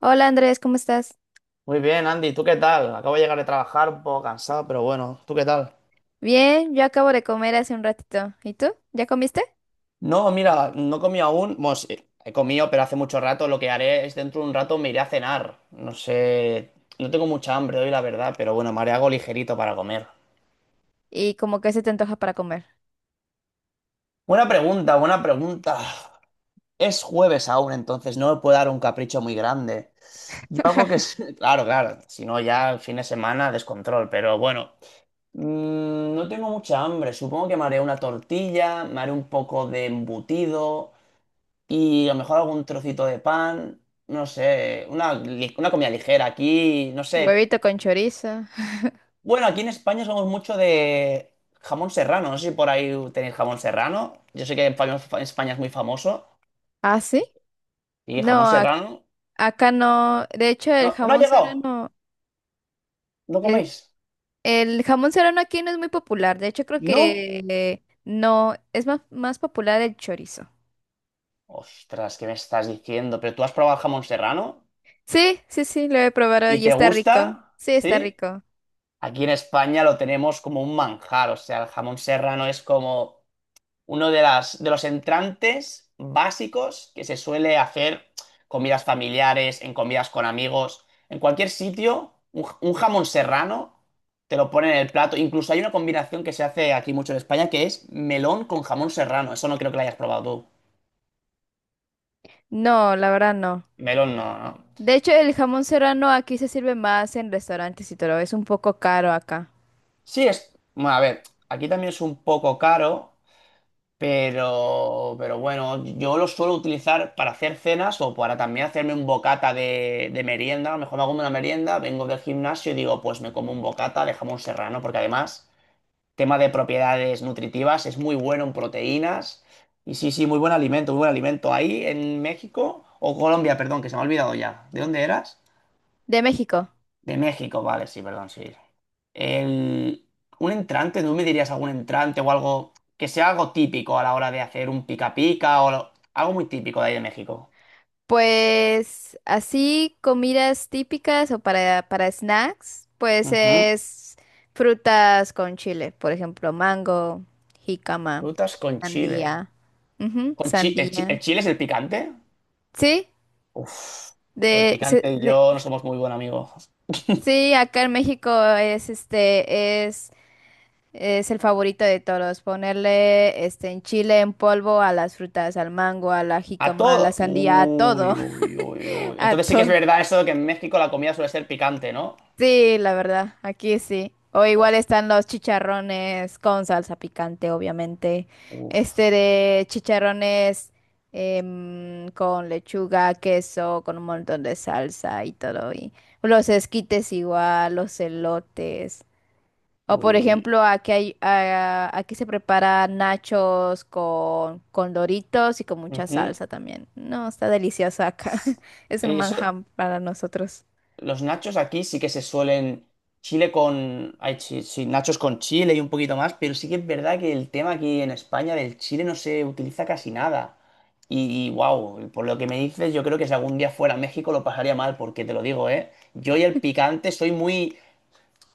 Hola Andrés, ¿cómo estás? Muy bien, Andy, ¿tú qué tal? Acabo de llegar de trabajar un poco cansado, pero bueno, ¿tú qué tal? Bien, yo acabo de comer hace un ratito. ¿Y tú? ¿Ya comiste? No, mira, no he comido aún. Bueno, sí, he comido, pero hace mucho rato. Lo que haré es dentro de un rato me iré a cenar. No sé, no tengo mucha hambre hoy, la verdad, pero bueno, me haré algo ligerito para comer. ¿Y como que se te antoja para comer? Buena pregunta, buena pregunta. Es jueves aún, entonces no me puedo dar un capricho muy grande. Yo algo que... es- Claro, claro, si no ya el fin de semana descontrol, pero bueno. No tengo mucha hambre. Supongo que me haré una tortilla, me haré un poco de embutido y a lo mejor algún trocito de pan. No sé, una comida ligera aquí, no sé. Huevito con chorizo. Bueno, aquí en España somos mucho de jamón serrano. No sé si por ahí tenéis jamón serrano. Yo sé que en España es muy famoso. ¿Ah, sí? Y No, jamón serrano. acá no. De hecho, el No, no ha jamón llegado. serrano, ¿No el, coméis? el jamón serrano aquí no es muy popular. De hecho, creo ¿No? que no, es más, más popular el chorizo. Ostras, ¿qué me estás diciendo? ¿Pero tú has probado el jamón serrano? Sí, sí, sí, lo he probado ¿Y y te está rico. gusta? Sí, está ¿Sí? rico. Aquí en España lo tenemos como un manjar, o sea, el jamón serrano es como uno de las, de los entrantes básicos que se suele hacer comidas familiares, en comidas con amigos, en cualquier sitio, un jamón serrano te lo ponen en el plato. Incluso hay una combinación que se hace aquí mucho en España que es melón con jamón serrano. Eso no creo que lo hayas probado tú. No, la verdad no. Melón no, no. De hecho, el jamón serrano aquí se sirve más en restaurantes y todo. Es un poco caro acá. Sí, es, bueno, a ver, aquí también es un poco caro. Pero bueno, yo lo suelo utilizar para hacer cenas o para también hacerme un bocata de merienda. A lo mejor me hago una merienda, vengo del gimnasio y digo, pues me como un bocata de jamón serrano, porque además, tema de propiedades nutritivas, es muy bueno en proteínas. Y sí, sí, muy buen alimento, muy buen alimento. Ahí en México, o Colombia, perdón, que se me ha olvidado ya. ¿De dónde eras? De México. De México, vale, sí, perdón, sí. El... Un entrante, ¿tú me dirías algún entrante o algo que sea algo típico a la hora de hacer un pica pica o algo muy típico de ahí de México? Pues así, comidas típicas o para snacks, pues Ujú. es frutas con chile, por ejemplo, mango, jícama, Frutas con chile. sandía. Ujú, ¿Con chi- el sandía. chile es el picante? Sí, Uf, pues el de, se- picante y de- yo no somos muy buenos amigos. sí, acá en México es este, es, es el favorito de todos, ponerle este en chile en polvo a las frutas, al mango, a la A jícama, a la todo. sandía, a todo, Uy, uy, uy, uy. a Entonces sí que es todo. verdad eso de que en México la comida suele ser picante, ¿no? Sí, la verdad, aquí sí. O igual Uf, están los chicharrones con salsa picante, obviamente. Este uf, de chicharrones con lechuga, queso, con un montón de salsa y todo. Y los esquites igual, los elotes. O uy, por uy. ejemplo, aquí se prepara nachos con doritos y con mucha Ujú. salsa también. No, está delicioso acá. Sí. Es un Eso. manjar para nosotros. Los nachos aquí sí que se suelen. Chile con. Ay, sí, sí, nachos con chile y un poquito más, pero sí que es verdad que el tema aquí en España del chile no se utiliza casi nada. Y, wow, por lo que me dices, yo creo que si algún día fuera a México lo pasaría mal, porque te lo digo, ¿eh? Yo y el picante soy muy.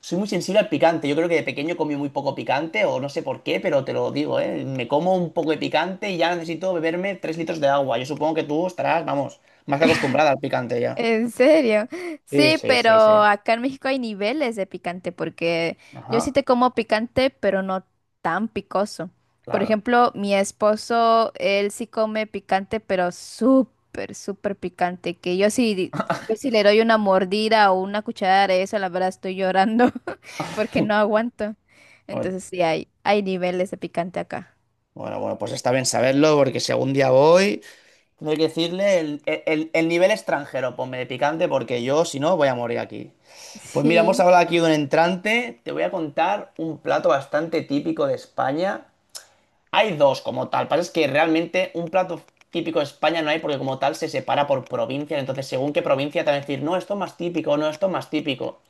Soy muy sensible al picante. Yo creo que de pequeño comí muy poco picante, o no sé por qué, pero te lo digo, ¿eh? Me como un poco de picante y ya necesito beberme 3 litros de agua. Yo supongo que tú estarás, vamos, más que acostumbrada al picante ya. ¿En serio? Sí, Sí, sí, pero sí, sí. acá en México hay niveles de picante porque yo sí Ajá, te como picante, pero no tan picoso. Por claro. ejemplo, mi esposo, él sí come picante, pero súper, súper picante, que yo sí, yo sí le doy una mordida o una cucharada de eso, la verdad estoy llorando porque no aguanto. Bueno, Entonces sí hay niveles de picante acá. bueno, bueno, pues está bien saberlo porque si algún día voy, tendré que decirle el nivel extranjero, ponme de picante porque yo, si no, voy a morir aquí. Pues mira, hemos Sí, hablado aquí de un entrante, te voy a contar un plato bastante típico de España. Hay dos como tal, pasa es que realmente un plato típico de España no hay porque como tal se separa por provincias, entonces según qué provincia te van a decir, no, esto es más típico, no, esto es más típico.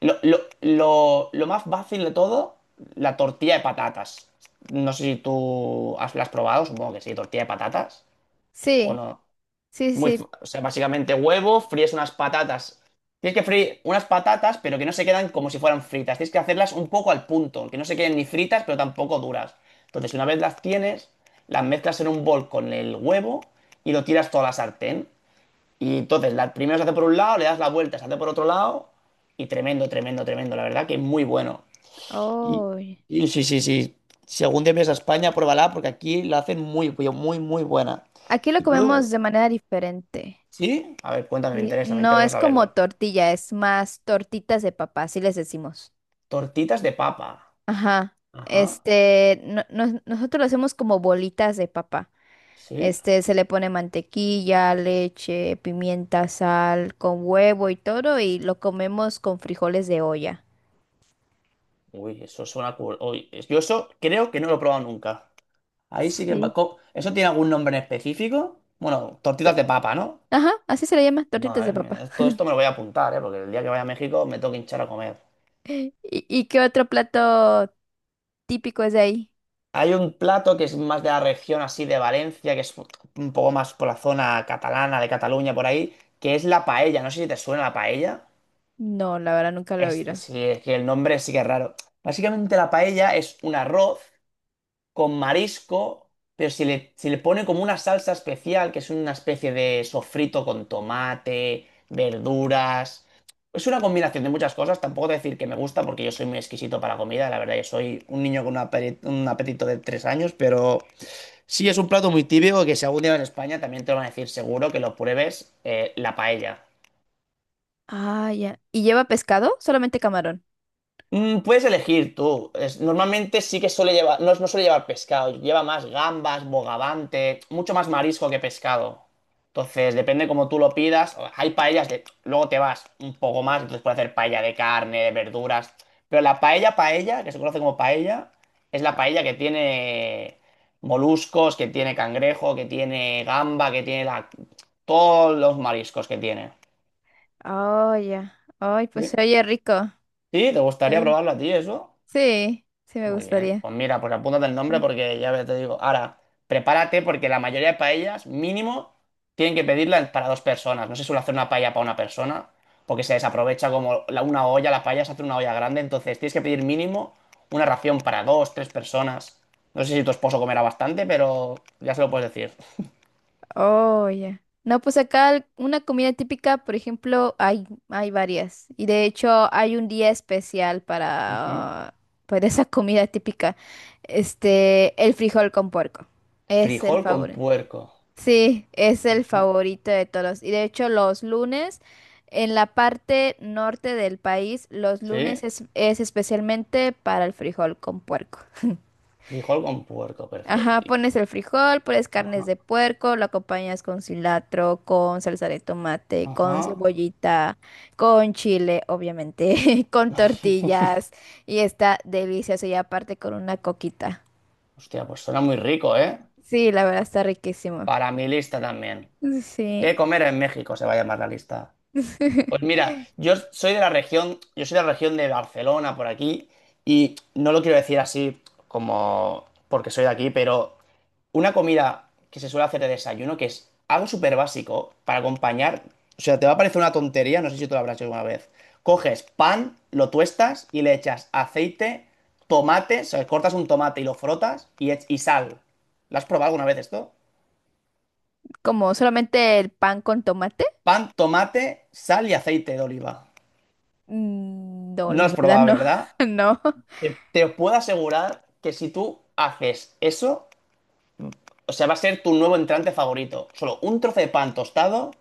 Lo más fácil de todo, la tortilla de patatas. No sé si tú has, la has probado, supongo que sí, tortilla de patatas. O sí, no. sí, Muy, f- sí. o sea, básicamente huevo, fríes unas patatas. Tienes que freír unas patatas, pero que no se quedan como si fueran fritas. Tienes que hacerlas un poco al punto, que no se queden ni fritas, pero tampoco duras. Entonces, una vez las tienes, las mezclas en un bol con el huevo y lo tiras toda la sartén. Y entonces, primero se hace por un lado, le das la vuelta, se hace por otro lado, y tremendo, tremendo, tremendo. La verdad que es muy bueno. Y, Oh, y sí, sí, sí. Si algún día vienes a España, pruébala, porque aquí la hacen muy, muy buena. aquí lo Y comemos luego, de manera diferente. ¿sí? A ver, cuéntame, Sí, me no interesa es como saberlo. tortilla, es más tortitas de papá, así les decimos. Tortitas de papa. Ajá. Ajá, Este, nosotros lo hacemos como bolitas de papá. sí. Este, se le pone mantequilla, leche, pimienta, sal, con huevo y todo, y lo comemos con frijoles de olla. Uy, eso suena cool. Uy, yo eso creo que no lo he probado nunca. Ahí sí que... va- Sí. co- ¿Eso tiene algún nombre en específico? Bueno, to- tortitas de papa, ¿no? Ajá, así se le llama, tortitas Madre de papá. mía, todo esto me lo voy a apuntar, ¿eh? Porque el día que vaya a México me tengo que hinchar a comer. Y, ¿qué otro plato típico es de ahí? Hay un plato que es más de la región así de Valencia, que es un poco más por la zona catalana, de Cataluña, por ahí, que es la paella. No sé si te suena la paella. No, la verdad nunca lo he Es, oído. sí, es que el nombre sí que es raro. Básicamente la paella es un arroz con marisco, pero se le pone como una salsa especial, que es una especie de sofrito con tomate, verduras. Es una combinación de muchas cosas. Tampoco te voy a decir que me gusta porque yo soy muy exquisito para la comida. La verdad, yo soy un niño con un apetito de 3 años, pero sí es un plato muy típico que si algún día en España también te lo van a decir seguro que lo pruebes, la paella. Ah, ya. ¿Y lleva pescado? Solamente camarón. Puedes elegir tú. Normalmente sí que suele llevar, no, no suele llevar pescado, lleva más gambas, bogavante, mucho más marisco que pescado. Entonces, depende como tú lo pidas. Hay paellas luego te vas un poco más, entonces puedes hacer paella de carne, de verduras. Pero la paella, paella, que se conoce como paella, es la paella que tiene moluscos, que tiene cangrejo, que tiene gamba, que tiene todos los mariscos que tiene. Oh, ya. Ay, pues ¿Sí? se oye rico. ¿Sí? ¿Te gustaría Sí. probarlo a ti eso? Sí, sí me Muy bien. gustaría. Pues mira, pues apúntate el nombre Mm. porque ya te digo. Ahora, prepárate porque la mayoría de paellas, mínimo, tienen que pedirla para dos personas. No se suele hacer una paella para una persona porque se desaprovecha como una olla, la paella se hace en una olla grande. Entonces, tienes que pedir mínimo una ración para dos, tres personas. No sé si tu esposo comerá bastante, pero ya se lo puedes decir. Oh, ya. No, pues acá una comida típica, por ejemplo, hay varias. Y de hecho hay un día especial Ujú. Para esa comida típica. Este, el frijol con puerco. Es el Frijol con favorito. puerco. Sí, es el Ajá. favorito de todos. Y de hecho, los lunes, en la parte norte del país, los Sí, lunes es especialmente para el frijol con puerco. frijol con puerco, Ajá, perfecto. pones el frijol, pones carnes Ajá, de puerco, lo acompañas con cilantro, con salsa de tomate, ajá. con cebollita, con chile, obviamente, con tortillas. Y está delicioso y aparte con una coquita. Hostia, pues suena muy rico, ¿eh? Sí, la verdad está riquísimo. Para mi lista también. Sí, ¿Qué comer en México? Se va a llamar la lista. Pues mira, yo soy de la región, yo soy de la región de Barcelona, por aquí, y no lo quiero decir así como porque soy de aquí, pero una comida que se suele hacer de desayuno, que es algo súper básico para acompañar, o sea, te va a parecer una tontería, no sé si tú lo habrás hecho alguna vez. Coges pan, lo tuestas y le echas aceite, tomate, o sea, cortas un tomate y lo frotas y sal. ¿Lo has probado alguna vez esto? como solamente el pan con tomate. Pan, tomate, sal y aceite de oliva. Mm, no, No la has verdad probado, no, ¿verdad? no. Te puedo asegurar que si tú haces eso, o sea, va a ser tu nuevo entrante favorito. Solo un trozo de pan tostado,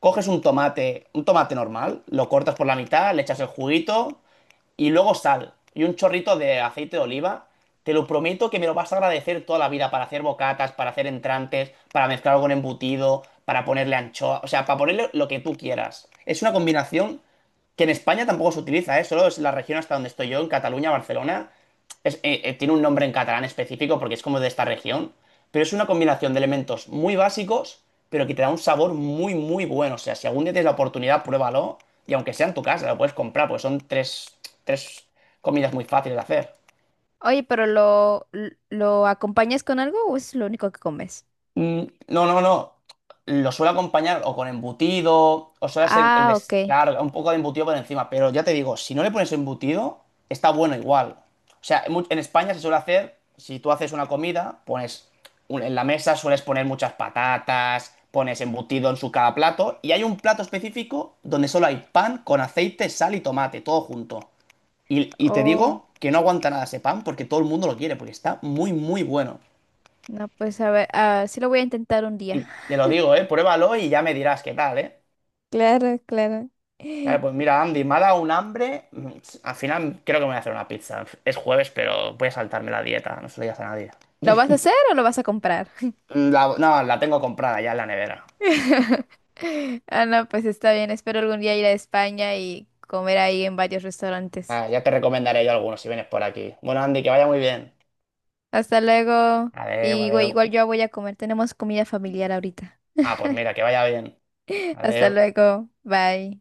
coges un tomate normal, lo cortas por la mitad, le echas el juguito, y luego sal y un chorrito de aceite de oliva. Te lo prometo que me lo vas a agradecer toda la vida para hacer bocatas, para hacer entrantes, para mezclarlo con embutido, para ponerle anchoa, o sea, para ponerle lo que tú quieras. Es una combinación que en España tampoco se utiliza, ¿eh? Solo es la región hasta donde estoy yo, en Cataluña, Barcelona, tiene un nombre en catalán específico porque es como de esta región, pero es una combinación de elementos muy básicos, pero que te da un sabor muy, muy bueno. O sea, si algún día tienes la oportunidad, pruébalo y aunque sea en tu casa, lo puedes comprar, pues son tres comidas muy fáciles de hacer. Oye, pero ¿lo acompañas con algo o es lo único que comes? No, no, no. Lo suelo acompañar o con embutido, o suele ser, Ah, ok. Claro, un poco de embutido por encima, pero ya te digo, si no le pones embutido, está bueno igual. O sea, en España se suele hacer, si tú haces una comida, pones en la mesa, sueles poner muchas patatas, pones embutido en su cada plato, y hay un plato específico donde solo hay pan con aceite, sal y tomate, todo junto. Y te Oh, digo que no aguanta nada ese pan porque todo el mundo lo quiere, porque está muy, muy bueno. no, pues a ver, ah, sí lo voy a intentar un día. Y te lo digo, ¿eh? Pruébalo y ya me dirás qué tal, ¿eh? Claro, claro. Claro, pues mira, Andy, me ha dado un hambre. Al final creo que me voy a hacer una pizza. Es jueves, pero voy a saltarme la dieta, no se lo digas a nadie. ¿Lo vas a hacer o lo vas a comprar? No, la tengo comprada ya en la nevera. Ah, no, pues está bien. Espero algún día ir a España y comer ahí en varios restaurantes. Ah, ya te recomendaré yo algunos si vienes por aquí. Bueno, Andy, que vaya muy bien. Hasta luego. Adeu, Y güey, adeu. igual yo voy a comer. Tenemos comida familiar ahorita. Ah, pues mira, que vaya bien. Hasta Adeu. luego. Bye.